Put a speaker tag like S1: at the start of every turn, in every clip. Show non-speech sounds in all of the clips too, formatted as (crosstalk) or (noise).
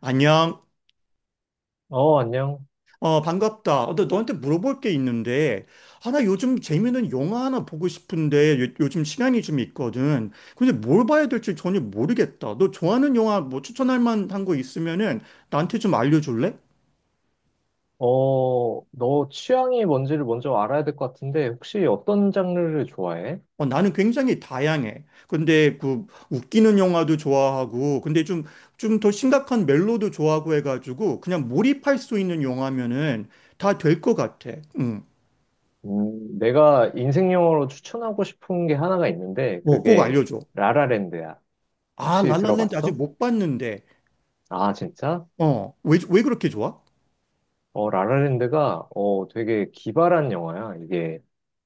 S1: 안녕.
S2: 어, 안녕.
S1: 어, 반갑다. 어, 나 너한테 물어볼 게 있는데, 아, 나 요즘 재밌는 영화 하나 보고 싶은데, 요, 즘 시간이 좀 있거든. 근데 뭘 봐야 될지 전혀 모르겠다. 너 좋아하는 영화 뭐 추천할 만한 거 있으면은 나한테 좀 알려줄래?
S2: 너 취향이 뭔지를 먼저 알아야 될 것 같은데, 혹시 어떤 장르를 좋아해?
S1: 어, 나는 굉장히 다양해. 근데 그 웃기는 영화도 좋아하고, 근데 좀, 좀 더 심각한 멜로도 좋아하고 해가지고, 그냥 몰입할 수 있는 영화면은 다 될 것 같아. 응.
S2: 내가 인생 영화로 추천하고 싶은 게 하나가 있는데,
S1: 뭐 꼭
S2: 그게
S1: 알려줘.
S2: 라라랜드야.
S1: 아,
S2: 혹시
S1: 랄랄랜드 아직
S2: 들어봤어?
S1: 못 봤는데.
S2: 아, 진짜?
S1: 어, 왜 그렇게 좋아?
S2: 라라랜드가, 되게 기발한 영화야. 이게,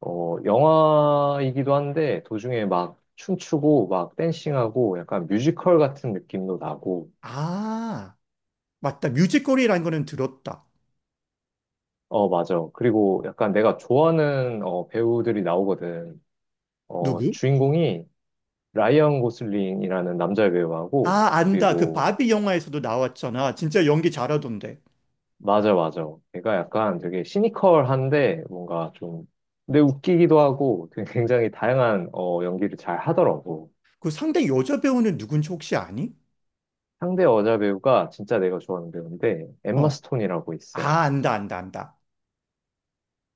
S2: 영화이기도 한데, 도중에 막 춤추고, 막 댄싱하고, 약간 뮤지컬 같은 느낌도 나고,
S1: 아, 맞다. 뮤지컬이라는 거는 들었다.
S2: 어, 맞아. 그리고 약간 내가 좋아하는 배우들이 나오거든.
S1: 누구?
S2: 주인공이 라이언 고슬링이라는 남자 배우하고,
S1: 아, 안다. 그
S2: 그리고,
S1: 바비 영화에서도 나왔잖아. 진짜 연기 잘하던데.
S2: 맞아, 맞아. 걔가 약간 되게 시니컬한데, 뭔가 좀, 근데 웃기기도 하고, 되게 굉장히 다양한 연기를 잘 하더라고.
S1: 그 상대 여자 배우는 누군지 혹시 아니?
S2: 상대 여자 배우가 진짜 내가 좋아하는 배우인데, 엠마
S1: 어,
S2: 스톤이라고 있어.
S1: 아, 안다, 안다, 안다.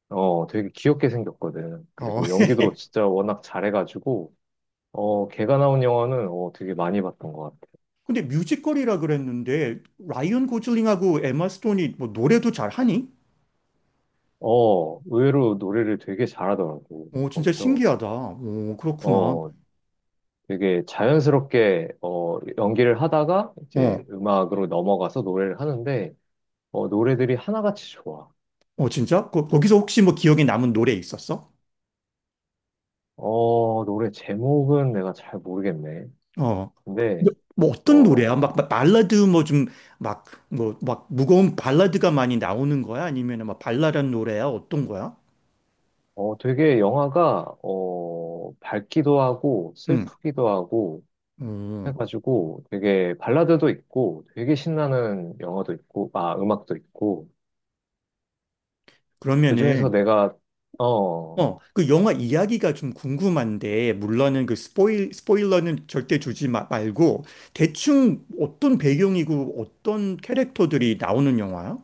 S2: 되게 귀엽게 생겼거든.
S1: 어.
S2: 그리고
S1: (laughs)
S2: 연기도 진짜 워낙 잘해가지고, 걔가 나온 영화는 되게 많이 봤던 것 같아.
S1: 근데 뮤지컬이라 그랬는데, 라이언 고슬링하고 에마 스톤이 뭐 노래도 잘하니?
S2: 의외로 노래를 되게 잘하더라고,
S1: 오, 진짜
S2: 거기서.
S1: 신기하다. 오, 그렇구나.
S2: 어, 되게 자연스럽게, 연기를 하다가
S1: 어,
S2: 이제 음악으로 넘어가서 노래를 하는데, 노래들이 하나같이 좋아.
S1: 어, 진짜? 거기서 혹시 뭐 기억에 남은 노래 있었어?
S2: 노래 제목은 내가 잘 모르겠네.
S1: 어.
S2: 근데,
S1: 근데 뭐 어떤 노래야?
S2: 어,
S1: 막 발라드 뭐 좀 막 뭐 막 무거운 발라드가 많이 나오는 거야? 아니면 막 발랄한 노래야? 어떤 거야?
S2: 되게 영화가, 밝기도 하고,
S1: 응.
S2: 슬프기도 하고,
S1: 어.
S2: 해가지고 되게 발라드도 있고, 되게 신나는 영화도 있고, 음악도 있고, 그중에서
S1: 그러면은
S2: 내가 어,
S1: 어, 그 영화 이야기가 좀 궁금한데 물론은 그 스포일러는 절대 주지 마, 말고 대충 어떤 배경이고 어떤 캐릭터들이 나오는 영화야?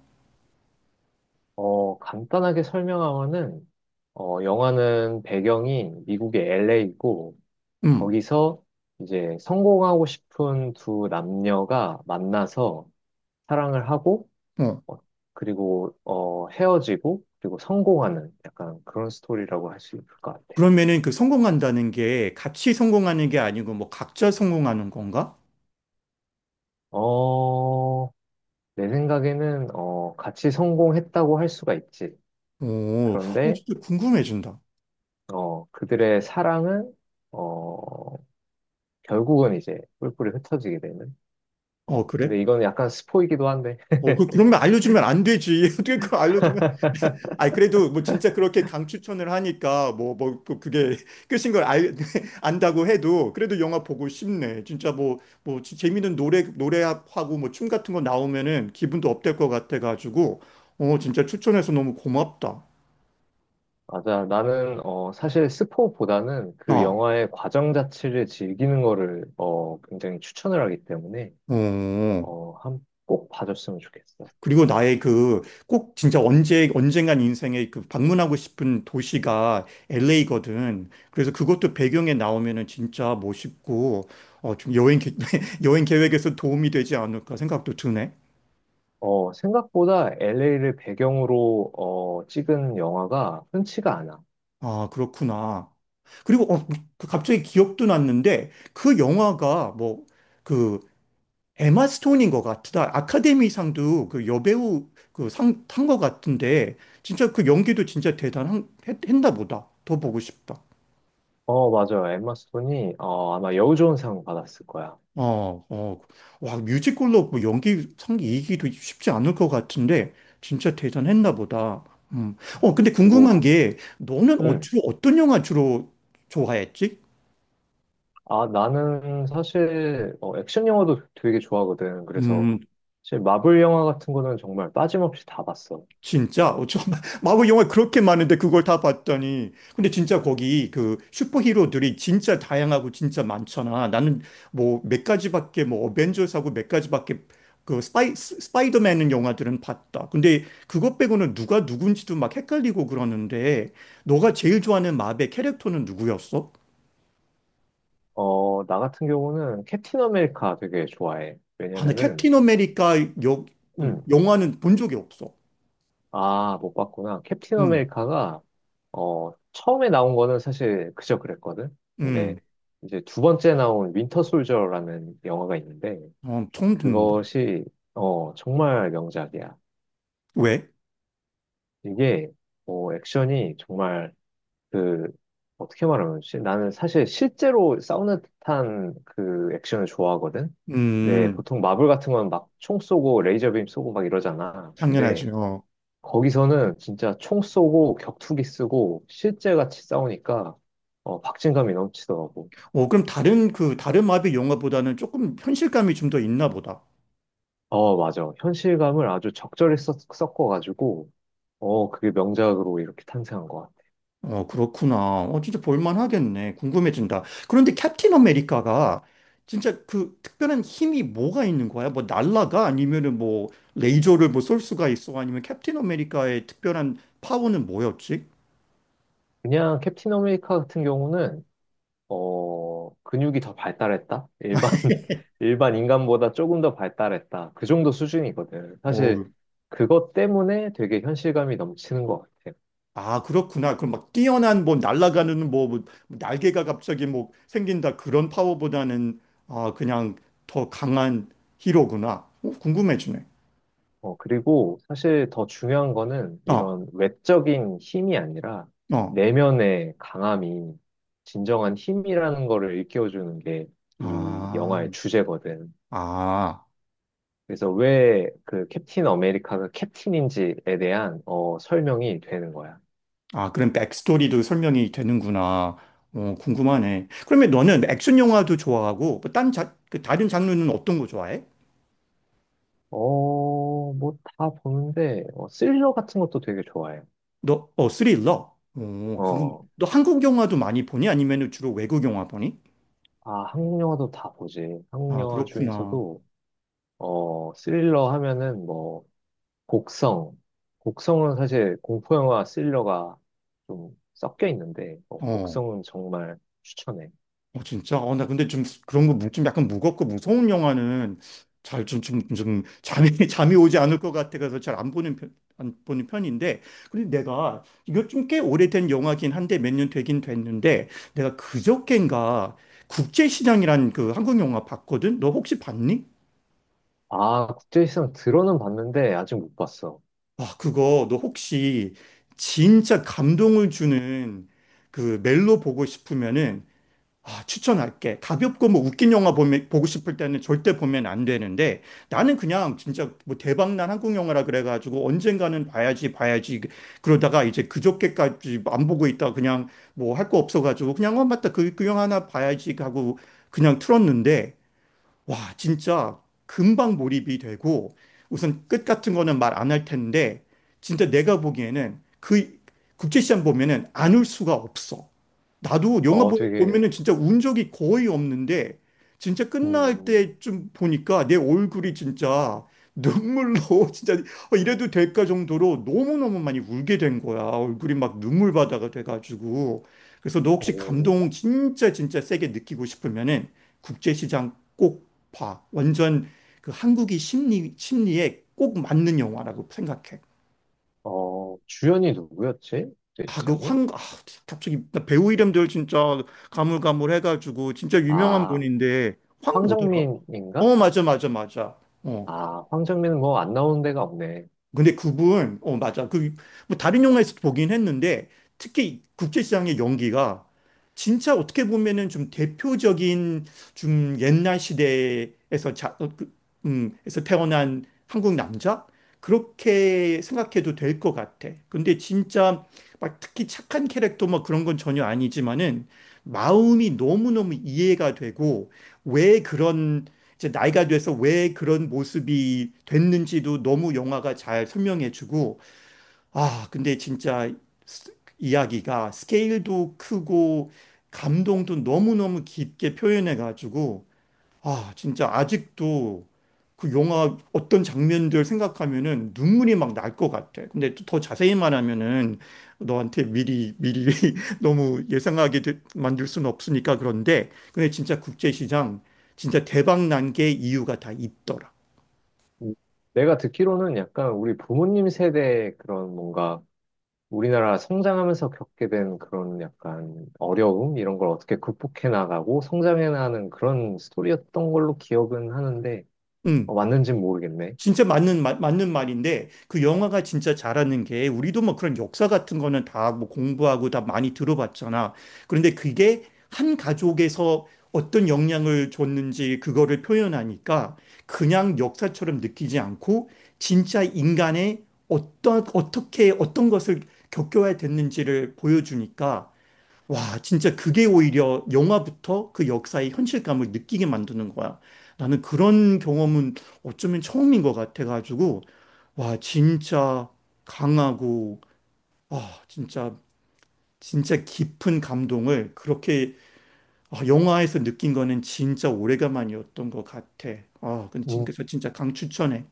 S2: 간단하게 설명하면은, 영화는 배경이 미국의 LA이고,
S1: 음.
S2: 거기서 이제 성공하고 싶은 두 남녀가 만나서 사랑을 하고,
S1: 어.
S2: 어, 그리고, 헤어지고, 그리고 성공하는 약간 그런 스토리라고 할 수 있을 것 같아.
S1: 그러면은 그 성공한다는 게 같이 성공하는 게 아니고 뭐 각자 성공하는 건가?
S2: 어, 내 생각에는, 같이 성공했다고 할 수가 있지.
S1: 오, 어,
S2: 그런데,
S1: 진짜 궁금해진다.
S2: 그들의 사랑은, 어, 결국은 이제 뿔뿔이 흩어지게 되는.
S1: 어, 그래?
S2: 근데 이건 약간 스포이기도 한데.
S1: 어, 그, 그러면 알려주면 안 되지. (laughs) 어떻게 그걸 알려주면. 아니, 그래도 뭐 진짜 그렇게 강추천을 하니까 또 그게 (laughs) 끝인 걸 알, (laughs) 안다고 해도 그래도 영화 보고 싶네. 진짜 뭐 재밌는 노래하고 뭐 춤 같은 거 나오면은 기분도 업될 것 같아가지고, 어, 진짜 추천해서 너무 고맙다.
S2: 맞아. 나는, 사실 스포보다는 그
S1: 아,
S2: 영화의 과정 자체를 즐기는 거를, 굉장히 추천을 하기 때문에,
S1: 어.
S2: 한, 꼭 봐줬으면 좋겠어.
S1: 그리고 나의 그 꼭 진짜 언제 언젠간 인생에 그 방문하고 싶은 도시가 LA거든. 그래서 그것도 배경에 나오면은 진짜 멋있고 어좀 (laughs) 여행 계획에서 도움이 되지 않을까 생각도 드네.
S2: 생각보다 LA를 배경으로, 찍은 영화가 흔치가 않아.
S1: 아, 그렇구나. 그리고 어, 뭐, 그 갑자기 기억도 났는데 그 영화가 뭐 그 에마 스톤인 것 같다. 아카데미상도 그 여배우 그 상 탄 것 같은데 진짜 그 연기도 진짜 대단한 했나 보다. 더 보고 싶다.
S2: 어, 맞아요. 엠마 스톤이, 아마 여우조연상 받았을 거야.
S1: 어, 어, 와, 뮤지컬로 뭐 연기상 이기도 쉽지 않을 것 같은데, 진짜 대단했나 보다. 음. 어, 근데
S2: 그리고,
S1: 궁금한 게, 너는 어,
S2: 음,
S1: 주로 어떤 영화 주로 좋아했지?
S2: 아, 나는 사실 액션 영화도 되게 좋아하거든. 그래서
S1: 음,
S2: 사실 마블 영화 같은 거는 정말 빠짐없이 다 봤어.
S1: 진짜? 어, 저 (laughs) 마블 영화 그렇게 많은데 그걸 다 봤더니. 근데 진짜 거기 그 슈퍼히로들이 진짜 다양하고 진짜 많잖아. 나는 뭐 몇 가지밖에 뭐 어벤져스하고 몇 가지밖에 그 스파이더맨 영화들은 봤다. 근데 그것 빼고는 누가 누군지도 막 헷갈리고 그러는데 너가 제일 좋아하는 마블 캐릭터는 누구였어?
S2: 나 같은 경우는 캡틴 아메리카 되게 좋아해.
S1: 아, 나
S2: 왜냐면은,
S1: 캡틴 아메리카 여, 그
S2: 음,
S1: 영화는 본 적이 없어.
S2: 아, 못 봤구나. 캡틴
S1: 응,
S2: 아메리카가 처음에 나온 거는 사실 그저 그랬거든.
S1: 응.
S2: 근데 이제 두 번째 나온 윈터 솔저라는 영화가 있는데
S1: 어, 처음 듣는다.
S2: 그것이 정말 명작이야.
S1: 왜?
S2: 이게 액션이 정말 그 어떻게 말하면 좋지? 나는 사실 실제로 싸우는 듯한 그 액션을 좋아하거든. 근데
S1: 음,
S2: 보통 마블 같은 건 막 총 쏘고 레이저 빔 쏘고 막 이러잖아. 근데
S1: 당연하죠.
S2: 거기서는 진짜 총 쏘고 격투기 쓰고 실제 같이 싸우니까 박진감이 넘치더라고.
S1: 어, 그럼 다른 그 다른 마비 영화보다는 조금 현실감이 좀 더 있나 보다.
S2: 어, 맞아. 현실감을 아주 적절히 섞어가지고 그게 명작으로 이렇게 탄생한 것 같아.
S1: 어, 그렇구나. 어, 진짜 볼만하겠네. 궁금해진다. 그런데 캡틴 아메리카가 진짜 그 특별한 힘이 뭐가 있는 거야? 뭐 날라가? 아니면은 뭐 레이저를 뭐 쏠 수가 있어? 아니면 캡틴 아메리카의 특별한 파워는 뭐였지?
S2: 그냥 캡틴 아메리카 같은 경우는 근육이 더 발달했다? 일반, (laughs) 일반 인간보다 조금 더 발달했다. 그 정도 수준이거든.
S1: 어,
S2: 사실, 그것 때문에 되게 현실감이 넘치는 것 같아요.
S1: 아, 그렇구나. 그럼 막 뛰어난 뭐 날아가는 뭐 날개가 갑자기 뭐 생긴다 그런 파워보다는 아, 그냥 더 강한 히로구나. 어, 궁금해지네.
S2: 그리고 사실 더 중요한 거는
S1: 어,
S2: 이런 외적인 힘이 아니라
S1: 어,
S2: 내면의 강함이 진정한 힘이라는 거를 일깨워주는 게 이
S1: 아,
S2: 영화의 주제거든.
S1: 아,
S2: 그래서 왜 그 캡틴 아메리카가 캡틴인지에 대한 설명이 되는 거야.
S1: 아, 그럼 백스토리도 설명이 되는구나. 어, 궁금하네. 그러면 너는 액션 영화도 좋아하고, 뭐 딴, 자, 그 다른 장르는 어떤 거 좋아해?
S2: 뭐 다 보는데, 스릴러 같은 것도 되게 좋아해요.
S1: 너, 어, 스릴러? 어, 궁금해.
S2: 어,
S1: 너 한국 영화도 많이 보니? 아니면 주로 외국 영화 보니?
S2: 아, 한국 영화도 다 보지. 한국
S1: 아,
S2: 영화
S1: 그렇구나.
S2: 중에서도, 스릴러 하면은 뭐, 곡성. 곡성은 사실 공포 영화 스릴러가 좀 섞여 있는데,
S1: 어,
S2: 곡성은 정말 추천해.
S1: 어, 진짜? 어, 나 근데 좀 그런 거 좀 약간 무겁고 무서운 영화는 잘 좀 잠이, (laughs) 잠이 오지 않을 것 같아서 잘 안 보는 편, 안 보는 편인데. 근데 내가 이거 좀 꽤 오래된 영화긴 한데 몇 년 되긴 됐는데 내가 그저껜가 국제시장이란 그 한국 영화 봤거든? 너 혹시 봤니?
S2: 아, 국제시장 들어는 봤는데, 아직 못 봤어.
S1: 와, 그거 너 혹시 진짜 감동을 주는 그 멜로 보고 싶으면은 아, 추천할게. 가볍고 뭐 웃긴 영화 보면, 보고 싶을 때는 절대 보면 안 되는데 나는 그냥 진짜 뭐 대박난 한국 영화라 그래가지고 언젠가는 봐야지 봐야지 그러다가 이제 그저께까지 안 보고 있다 그냥 뭐 할 거 없어가지고 그냥 어 맞다 그 영화 하나 봐야지 하고 그냥 틀었는데 와, 진짜 금방 몰입이 되고 우선 끝 같은 거는 말 안 할 텐데 진짜 내가 보기에는 그 국제시장 보면은 안 울 수가 없어. 나도 영화
S2: 되게,
S1: 보면은 진짜 운 적이 거의 없는데 진짜 끝날
S2: 음,
S1: 때 좀 보니까 내 얼굴이 진짜 눈물로 (laughs) 진짜 어, 이래도 될까 정도로 너무너무 많이 울게 된 거야. 얼굴이 막 눈물바다가 돼가지고. 그래서 너 혹시
S2: 어,
S1: 감동 진짜 진짜 세게 느끼고 싶으면은 국제시장 꼭 봐. 완전 그 한국이 심리에 꼭 맞는 영화라고 생각해.
S2: 주연이 누구였지?
S1: 아, 그
S2: 국제시장이?
S1: 황, 아, 갑자기 나 배우 이름들 진짜 가물가물해가지고 진짜 유명한
S2: 아,
S1: 분인데 황 뭐더라?
S2: 황정민인가?
S1: 어, 맞아, 맞아, 맞아. 어.
S2: 아, 황정민은 뭐 안 나오는 데가 없네.
S1: 근데 그분, 어, 맞아. 그, 뭐, 다른 영화에서도 보긴 했는데, 특히 국제시장의 연기가 진짜 어떻게 보면은 좀 대표적인 좀 옛날 시대에서 자, 어, 그, 에서 태어난 한국 남자? 그렇게 생각해도 될 것 같아. 근데 진짜 막 특히 착한 캐릭터 뭐 그런 건 전혀 아니지만은 마음이 너무너무 이해가 되고 왜 그런 이제 나이가 돼서 왜 그런 모습이 됐는지도 너무 영화가 잘 설명해주고, 아, 근데 진짜 스- 이야기가 스케일도 크고, 감동도 너무너무 깊게 표현해가지고, 아, 진짜 아직도 그 영화 어떤 장면들 생각하면은 눈물이 막 날 것 같아. 근데 또더 자세히 말하면은 너한테 미리 미리 (laughs) 너무 예상하게 만들 수는 없으니까 그런데 근데 진짜 국제시장 진짜 대박 난 게 이유가 다 있더라.
S2: 음, 내가 듣기로는 약간 우리 부모님 세대의 그런 뭔가 우리나라 성장하면서 겪게 된 그런 약간 어려움 이런 걸 어떻게 극복해 나가고 성장해 나가는 그런 스토리였던 걸로 기억은 하는데
S1: 응.
S2: 맞는지는 모르겠네.
S1: 진짜 맞는 말인데 그 영화가 진짜 잘하는 게 우리도 뭐 그런 역사 같은 거는 다 뭐 공부하고 다 많이 들어봤잖아. 그런데 그게 한 가족에서 어떤 영향을 줬는지 그거를 표현하니까 그냥 역사처럼 느끼지 않고 진짜 인간의 어떤, 어떻게, 어떤 것을 겪어야 됐는지를 보여주니까 와, 진짜 그게 오히려 영화부터 그 역사의 현실감을 느끼게 만드는 거야. 나는 그런 경험은 어쩌면 처음인 것 같아가지고, 와, 진짜 강하고, 아, 진짜, 진짜 깊은 감동을 그렇게 아, 영화에서 느낀 거는 진짜 오래간만이었던 것 같아. 아, 근데
S2: 음,
S1: 진짜, 저 진짜 강추천해.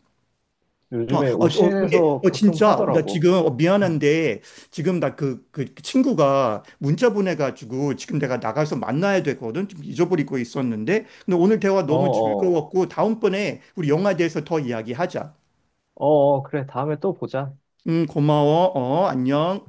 S1: 어,
S2: 요즘에
S1: 어, 저, 어, 근데,
S2: OCN에서
S1: 어,
S2: 가끔
S1: 진짜, 나
S2: 하더라고.
S1: 지금, 어,
S2: 음.
S1: 미안한데, 지금 나 그 친구가 문자 보내가지고, 지금 내가 나가서 만나야 되거든? 좀 잊어버리고 있었는데, 근데 오늘 대화
S2: 어,
S1: 너무
S2: 어,
S1: 즐거웠고, 다음번에 우리 영화에 대해서 더 이야기하자.
S2: 어, 그래, 다음에 또 보자.
S1: 고마워. 어, 안녕.